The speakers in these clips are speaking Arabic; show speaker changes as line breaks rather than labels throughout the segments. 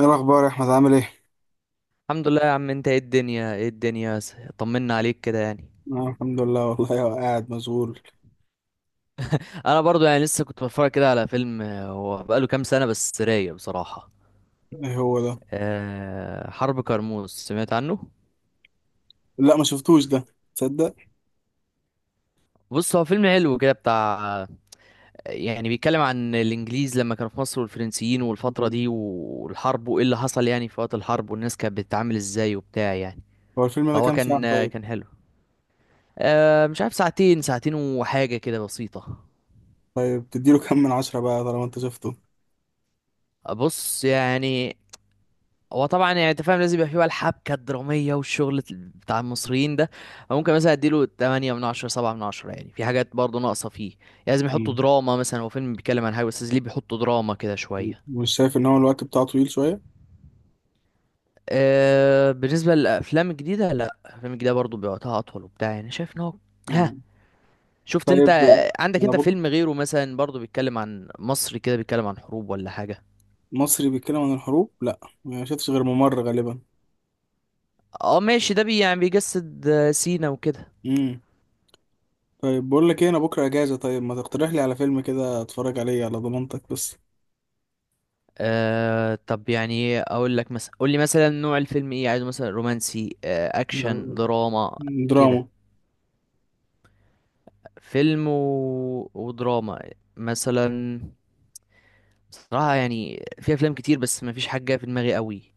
ايه الاخبار يا احمد؟ عامل ايه؟
الحمد لله يا عم. انت ايه الدنيا ايه الدنيا، طمنا عليك كده
آه، الحمد لله والله. هو قاعد مشغول.
انا برضو لسه كنت بتفرج كده على فيلم، هو بقاله كام سنة بس رايق بصراحة.
ايه هو ده؟
أه، حرب كرموز، سمعت عنه؟
لا، ما شفتوش ده. تصدق.
بص، هو فيلم حلو كده بتاع، يعني بيتكلم عن الانجليز لما كانوا في مصر والفرنسيين والفترة
مم.
دي والحرب، وايه اللي حصل يعني في وقت الحرب والناس كانت بتتعامل ازاي وبتاع يعني.
هو الفيلم ده
فهو
كام ساعة
كان،
طيب؟
كان حلو. أه مش عارف، ساعتين وحاجة كده بسيطة.
طيب، تديله كام من عشرة بقى طالما انت شفته؟
بص يعني، هو طبعا يعني انت فاهم، لازم يبقى فيه بقى الحبكه الدراميه والشغل بتاع المصريين ده. ممكن مثلا اديله 8 من 10، 7 من 10، يعني في حاجات برضه ناقصه فيه يعني. لازم يحطوا
مم.
دراما، مثلا هو فيلم بيتكلم عن حاجه بس لازم ليه بيحطوا دراما كده شويه.
مش شايف ان هو الوقت بتاعه طويل شوية؟
أه، بالنسبه للافلام الجديده، لا الافلام الجديده برضه بوقتها اطول وبتاع، يعني شايف ان هو. ها،
مم.
شفت
طيب.
انت عندك
انا
انت
بقى
فيلم غيره مثلا برضه بيتكلم عن مصر كده، بيتكلم عن حروب ولا حاجه؟
مصري بيتكلم عن الحروب، لا ما شفتش غير ممر غالبا.
اه ماشي، ده بي يعني بيجسد سينا وكده.
مم. طيب، بقول لك ايه، انا بكرة اجازة، طيب ما تقترح لي على فيلم كده اتفرج عليه على ضمانتك بس.
أه، طب يعني اقول لك مثلا، قول لي مثلا نوع الفيلم ايه، عايزه مثلا رومانسي، أه
آه،
اكشن، دراما كده؟
دراما.
فيلم و... ودراما مثلا. صراحة يعني في افلام كتير بس ما فيش حاجة جاية في دماغي قوي.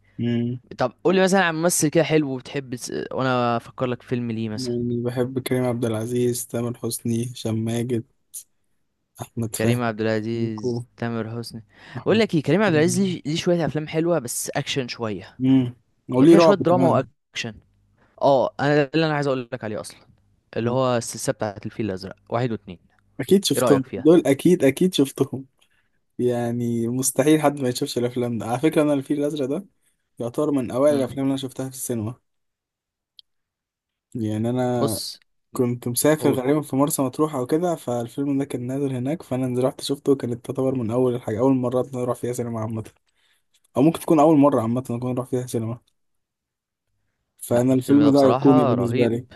طب قول لي مثلا عن ممثل كده حلو وبتحب وانا افكر لك فيلم ليه مثلا.
يعني بحب كريم عبد العزيز، تامر حسني، هشام ماجد، أحمد فهمي،
كريم عبد
ميكو،
العزيز، تامر حسني. بقول
أحمد.
لك ايه، كريم عبد العزيز ليه، ليه شوية افلام حلوة بس اكشن شوية،
امم
يعني
وليه
فيها شوية
رعب
دراما
كمان.
واكشن. اه، انا ده اللي انا عايز اقول لك عليه اصلا، اللي
مم.
هو السلسلة بتاعت الفيل الأزرق، واحد واتنين.
أكيد
ايه
شفتهم
رأيك فيها؟
دول، أكيد أكيد شفتهم. يعني مستحيل حد ما يشوفش الأفلام ده. على فكرة أنا الفيل الأزرق ده يعتبر من أوائل
مم.
الأفلام اللي أنا شفتها في السينما. يعني أنا
بص. مم.
كنت مسافر
قول.
غالبا في مرسى مطروح أو كده، فالفيلم ده كان نازل هناك فأنا رحت شفته. كانت تعتبر من أول الحاجة، أول مرات أنا أروح فيها سينما عامة. أو ممكن تكون أول مرة عامة أكون أروح فيها سينما.
لا
فأنا
الفيلم
الفيلم
ده
ده أيقوني
بصراحة
بالنسبة
رهيب.
لي.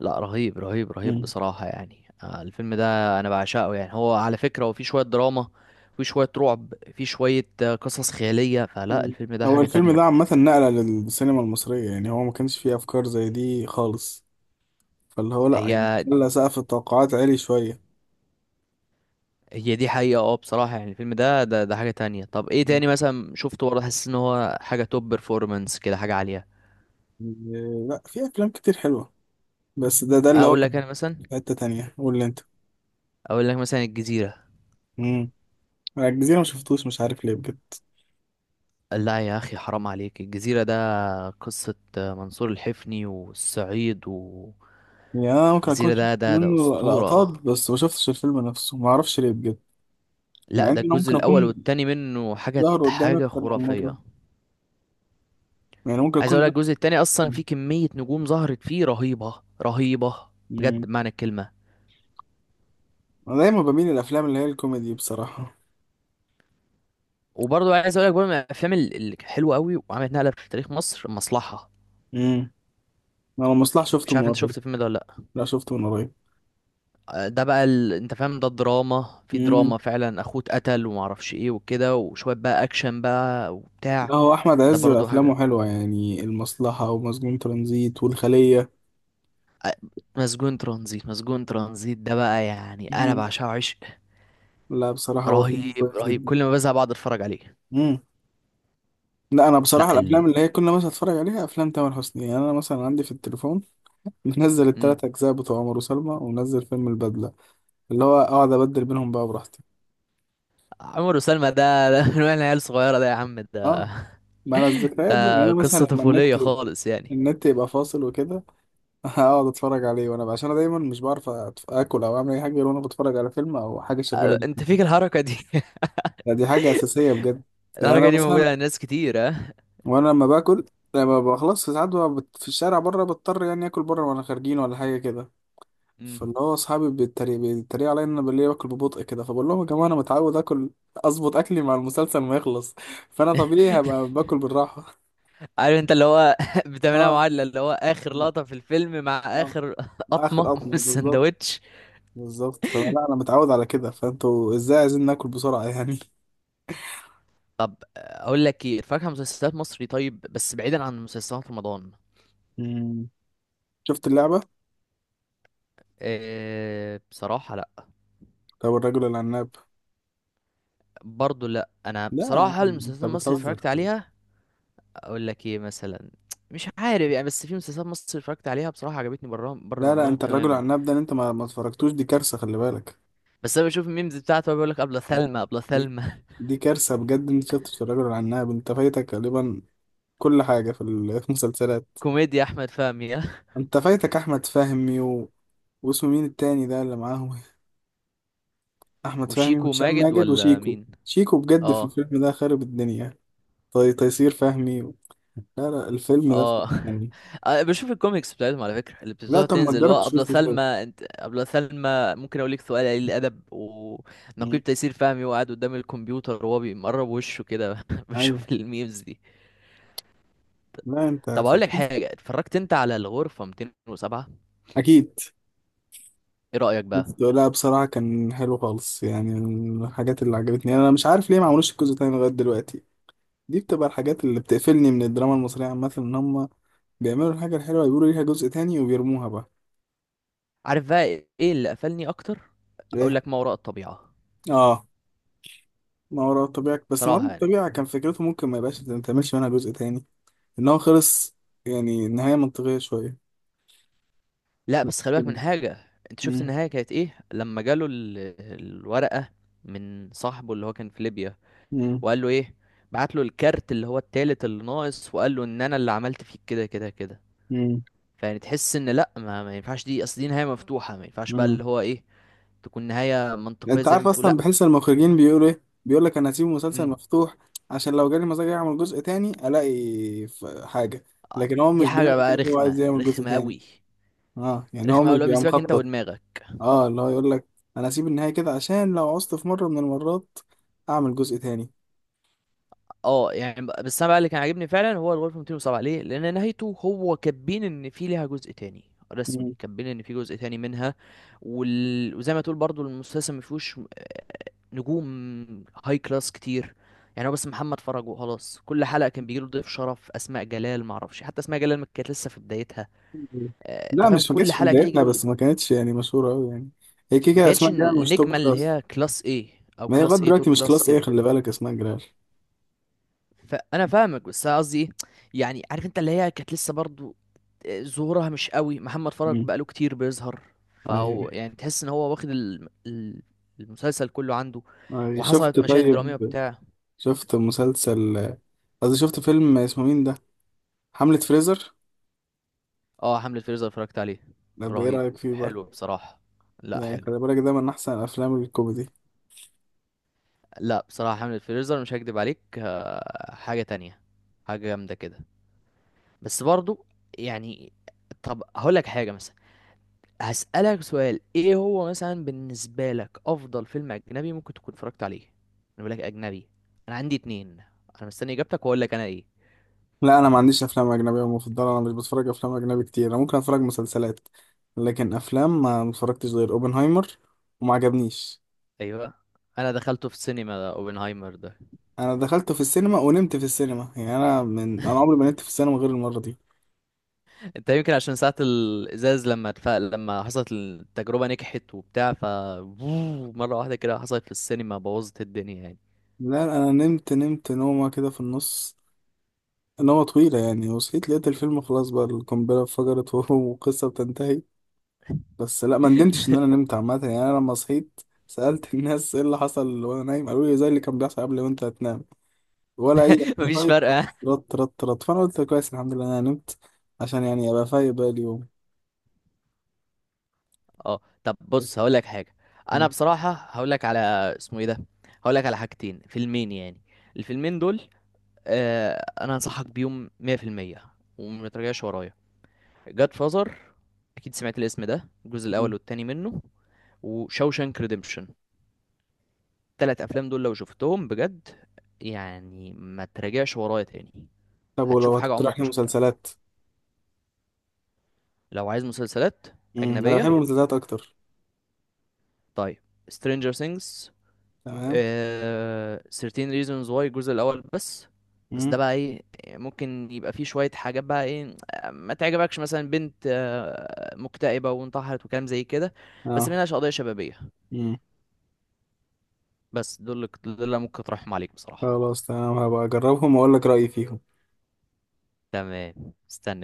لا رهيب رهيب رهيب،
مم.
بصراحة يعني، الفيلم ده أنا بعشقه يعني. هو على فكرة هو فيه شوية دراما، فيه شوية رعب، فيه شوية قصص خيالية. فلا الفيلم ده
هو
حاجة
الفيلم ده
تانية.
عامة نقلة للسينما المصرية، يعني هو ما كانش فيه أفكار زي دي خالص، فاللي هو لأ، يعني
هي
خلى سقف التوقعات عالي شوية.
هي دي حقيقة. اه بصراحة يعني الفيلم ده حاجة تانية. طب ايه
مم.
تاني مثلا شفته برضه حاسس ان هو حاجة توب بيرفورمانس كده، حاجة عالية؟
إيه، لأ، في أفلام كتير حلوة. بس ده اللي هو
اقول لك
كان
انا مثلا،
في حتة تانية. قول لي أنت.
اقول لك مثلا الجزيرة.
مم. أنا الجزيرة ما شفتوش، مش عارف ليه بجد.
لا يا أخي، حرام عليك! الجزيرة ده قصة منصور الحفني والصعيد والجزيرة.
يعني أنا ممكن أكون شفت
ده
منه
أسطورة.
لقطات، بس ما شفتش الفيلم نفسه، ما أعرفش ليه بجد. مع
لا،
إن
ده
أنا
الجزء
ممكن
الأول
أكون
والتاني منه حاجة
ظهر قدامي أكتر من مرة.
خرافية.
يعني ممكن
عايز
أكون
أقول لك، الجزء التاني أصلا فيه كمية نجوم ظهرت فيه رهيبة رهيبة،
ده.
بجد بمعنى الكلمة.
انا دايما بميل للافلام اللي هي الكوميدي بصراحه.
وبرضه عايز أقول لك برضه من الأفلام الحلوة أوي، وعملت نقلة في تاريخ مصر، المصلحة.
امم انا المصلح شفته
مش عارف
من
أنت
قريب.
شفت الفيلم ده ولا لأ؟
لا، شفته من قريب.
ده بقى انت فاهم، ده الدراما في
امم
دراما فعلا، اخوه اتقتل ومعرفش ايه وكده، وشوية بقى اكشن بقى وبتاع.
لا، هو احمد
ده
عز
برضو حاجة.
افلامه حلوه، يعني المصلحه ومسجون ترانزيت والخليه.
مسجون ترانزيت، ده بقى يعني انا
امم
بعشقه عشق.
لا بصراحه هو فيلم
رهيب
كويس
رهيب،
جدا.
كل ما بزهق بقعد اتفرج عليه.
امم لا، انا
لا
بصراحه الافلام
ال...
اللي هي كل ما اتفرج عليها افلام تامر حسني. يعني انا مثلا عندي في التليفون منزل
مم.
التلات اجزاء بتوع عمر وسلمى، ومنزل فيلم البدله، اللي هو اقعد ابدل بينهم بقى براحتي.
عمر وسلمى ده، ده من واحنا عيال صغيرة، ده يا عم ده،
اه، ما انا الذكريات بقى. يعني
ده
انا مثلا
قصة
لما
طفولية
النت
خالص يعني.
النت يبقى فاصل وكده. اقعد اتفرج عليه وانا عشان انا دايما مش بعرف اكل او اعمل اي حاجه غير وانا بتفرج على فيلم او حاجه شغاله
أه، انت فيك
جدا.
الحركة دي.
لا، دي حاجه اساسيه بجد. يعني
الحركة
انا
دي
مثلا
موجودة عند ناس كتير، ها.
وانا لما باكل، لما بخلص ساعات ببقى في الشارع بره، بضطر يعني اكل بره وانا خارجين ولا حاجه كده.
مم.
فاللي هو اصحابي بيتريقوا عليا ان انا بالليل باكل ببطء كده. فبقول لهم يا جماعه انا متعود اكل، اظبط اكلي مع المسلسل ما يخلص. فانا طبيعي هبقى باكل بالراحه.
عارف انت اللي هو بتعملها
اه،
معادلة، اللي هو اخر لقطة في الفيلم مع
اه،
اخر
اخر
قطمة من
قطمه بالظبط.
السندوتش.
بالظبط. فانا لا، انا متعود على كده، فانتوا ازاي عايزين ناكل بسرعه يعني؟
طب اقول لك ايه، اتفرج على مسلسلات مصري، طيب بس بعيدا عن مسلسلات رمضان.
مم. شفت اللعبه؟
إيه بصراحة، لا.
طب الرجل العناب؟
برضو لا، انا
لا يا عم،
بصراحة
انت
المسلسلات المصري اللي
بتهزر.
اتفرجت عليها، اقول لك ايه مثلا، مش عارف يعني، بس في مسلسلات مصري اتفرجت عليها بصراحة عجبتني، بره بره
لا، لا،
رمضان
انت الرجل
تماما.
العناب ده، انت ما اتفرجتوش. دي كارثه، خلي بالك.
بس انا بشوف الميمز بتاعته، بيقول لك ابله ثلمى، ابله
دي
ثلمى.
دي كارثه بجد. انت شفتش الرجل العناب؟ انت فايتك غالبا كل حاجه في في المسلسلات.
كوميديا احمد فهمي. ها؟
انت فايتك احمد فهمي واسمه مين التاني ده اللي معاهم؟ احمد فهمي
وشيكو،
وهشام
ماجد
ماجد
ولا
وشيكو.
مين؟
شيكو بجد في
اه.
الفيلم ده خارب الدنيا. طي تيسير فهمي. لا لا، الفيلم ده فيلم
اه.
أجنبي.
أنا بشوف الكوميكس بتاعتهم على فكرة، اللي
لا،
بتبتدي
طب ما
تنزل اللي
تجرب
هو أبلة
تشوفه طيب.
سلمى انت أبلة سلمى. ممكن أقول لك سؤال قليل الأدب،
مم.
ونقيب تيسير فهمي وقاعد قدام الكمبيوتر وهو بيمرب وشه كده
ايوه.
بشوف الميمز دي.
لا انت
طب أقول لك
فاكر.
حاجة، اتفرجت أنت على الغرفة 207؟
اكيد.
إيه رأيك بقى؟
بس لا بصراحه كان حلو خالص، يعني من الحاجات اللي عجبتني. انا مش عارف ليه ما عملوش الجزء التاني لغايه دلوقتي. دي بتبقى الحاجات اللي بتقفلني من الدراما المصريه عامه، ان هم بيعملوا الحاجه الحلوه يقولوا ليها جزء تاني وبيرموها بقى.
عارف بقى إيه اللي قفلني أكتر؟ أقول
ايه.
لك، ما وراء الطبيعة.
اه، ما وراء الطبيعه. بس ما وراء
بصراحة يعني.
الطبيعه كان فكرته ممكن ما يبقاش، ما تعملش منها جزء تاني، ان هو خلص. يعني نهايه منطقيه شويه.
لا، بس خلي بالك من حاجة، أنت شفت
مم.
النهاية كانت إيه لما جاله الورقة من صاحبه اللي هو كان في ليبيا،
مم.
وقال له ايه؟ بعت له الكارت اللي هو التالت اللي ناقص، وقال له ان انا اللي عملت فيك كده كده كده.
مم.
فيعني تحس ان لا، ما ينفعش، دي اصل دي نهايه مفتوحه، ما ينفعش بقى
مم.
اللي هو ايه، تكون نهايه منطقيه
انت
زي ما
عارف
بتقول،
اصلا؟
لا.
بحس المخرجين بيقولوا ايه؟ بيقول لك انا هسيب المسلسل
مم.
مفتوح عشان لو جالي مزاج اعمل جزء تاني الاقي حاجه.
آه،
لكن هو
دي
مش
حاجه
بيعمل
بقى
كده، هو
رخمه
عايز يعمل جزء
رخمه
تاني.
قوي.
اه، يعني هو
رخمه قوي،
مش
اللي هو
بيبقى
بيسيبك انت
مخطط.
ودماغك.
اه، اللي هو يقول لك انا هسيب النهايه كده عشان لو عوزت في مره من المرات اعمل جزء تاني.
اه يعني بس انا بقى اللي كان عاجبني فعلا هو الغرفه 207، ليه؟ لان نهايته هو كاتبين ان في ليها جزء تاني، رسمي
مم.
كاتبين ان في جزء تاني منها. وزي ما تقول برضو المسلسل ما فيهوش، نجوم هاي كلاس كتير. يعني هو بس محمد فرج وخلاص، كل حلقه كان بيجيله ضيف شرف، اسماء جلال ما اعرفش، حتى اسماء جلال ما كانت لسه في بدايتها. انت
لا
فاهم،
مش، ما
كل
كانتش في
حلقه كده
بدايتنا،
يجيله.
بس ما كانتش يعني مشهوره قوي يعني. هي كده
ما
كده
كانتش
اسماء جلال مش
النجمه
توب
اللي
كلاس.
هي كلاس ايه، او
ما هي لغايه
كلاس ايه، توب
دلوقتي مش
كلاس
كلاس ايه،
كده.
خلي بالك. اسماء جلال.
فانا فاهمك، بس أنا قصدي ايه، يعني عارف انت اللي هي كانت لسه برضو ظهورها مش قوي، محمد فرج
مم.
بقاله كتير بيظهر.
ايوه.
فهو يعني تحس ان هو واخد المسلسل كله عنده،
ايوه
وحصلت
شفت
مشاهد
طيب.
درامية بتاع.
شفت مسلسل، قصدي شفت فيلم اسمه مين ده؟ حملة فريزر.
اه، حملة فريزر اتفرجت عليه.
طب ايه
رهيب.
رأيك فيه بقى؟
حلو بصراحة. لا
يعني
حلو.
خلي بالك ده من احسن الافلام الكوميدي.
لا بصراحة، حملة فريزر، مش هكدب عليك، حاجة تانية، حاجة جامدة كده. بس برضو يعني، طب هقول لك حاجة مثلا، هسألك سؤال، ايه هو مثلا بالنسبة لك افضل فيلم اجنبي ممكن تكون اتفرجت عليه؟ انا بقول لك اجنبي، انا عندي اتنين، انا مستني اجابتك واقول لك انا ايه.
لا انا ما عنديش افلام اجنبية مفضلة، انا مش بتفرج افلام اجنبي كتير. انا ممكن اتفرج مسلسلات، لكن افلام ما متفرجتش غير اوبنهايمر، وما عجبنيش.
ايوه، انا دخلته في السينما ده اوبنهايمر ده.
انا دخلته في السينما ونمت في السينما، يعني انا عمري ما نمت في السينما غير المرة دي.
انت يمكن عشان ساعة الازاز، لما حصلت التجربة نجحت وبتاع، ف مرة واحدة كده حصلت في السينما بوظت الدنيا يعني.
لا انا نمت، نمت نومة كده في النص. نومة طويلة يعني، وصحيت لقيت الفيلم خلاص بقى، القنبلة انفجرت، وقصة بتنتهي. بس لا، ما ندمتش ان انا نمت عامه، يعني انا لما صحيت سالت الناس ايه اللي حصل وانا نايم، قالوا لي زي اللي كان بيحصل قبل ما انت تنام. ولا اي.
مفيش
فايت.
فرق، ها؟
رط رط رط. فانا قلت كويس، الحمد لله انا نمت عشان يعني ابقى فايق بقى اليوم.
اه، طب
بس.
بص هقول لك حاجة، انا
مم.
بصراحة هقول لك على، اسمه ايه ده، هقول لك على حاجتين، فيلمين يعني. الفيلمين دول، انا انصحك بيهم 100% وما ترجعش ورايا. جاد فازر، اكيد سمعت الاسم ده، الجزء الاول
مم.
والتاني منه، وشوشانك ريديمشن. التلات افلام دول لو شفتهم بجد، يعني ما تراجعش ورايا تاني،
طب ولو
هتشوف حاجه
هتقترح
عمرك
لي
ما شفتها.
مسلسلات.
لو عايز مسلسلات
مم. انا بحب
اجنبيه،
المسلسلات اكتر.
طيب، سترينجر ثينجز،
تمام.
آه 13 reasons why الجزء الاول بس. بس ده
مم.
بقى ايه، ممكن يبقى فيه شوية حاجات بقى ايه، ما تعجبكش مثلا، بنت مكتئبة وانتحرت وكلام زي كده. بس
اه.
منها قضية شبابية.
مم.
بس دول اللي ممكن اطرحهم عليك بصراحة.
خلاص تمام، هبقى اجربهم واقول لك رايي فيهم.
تمام استنى.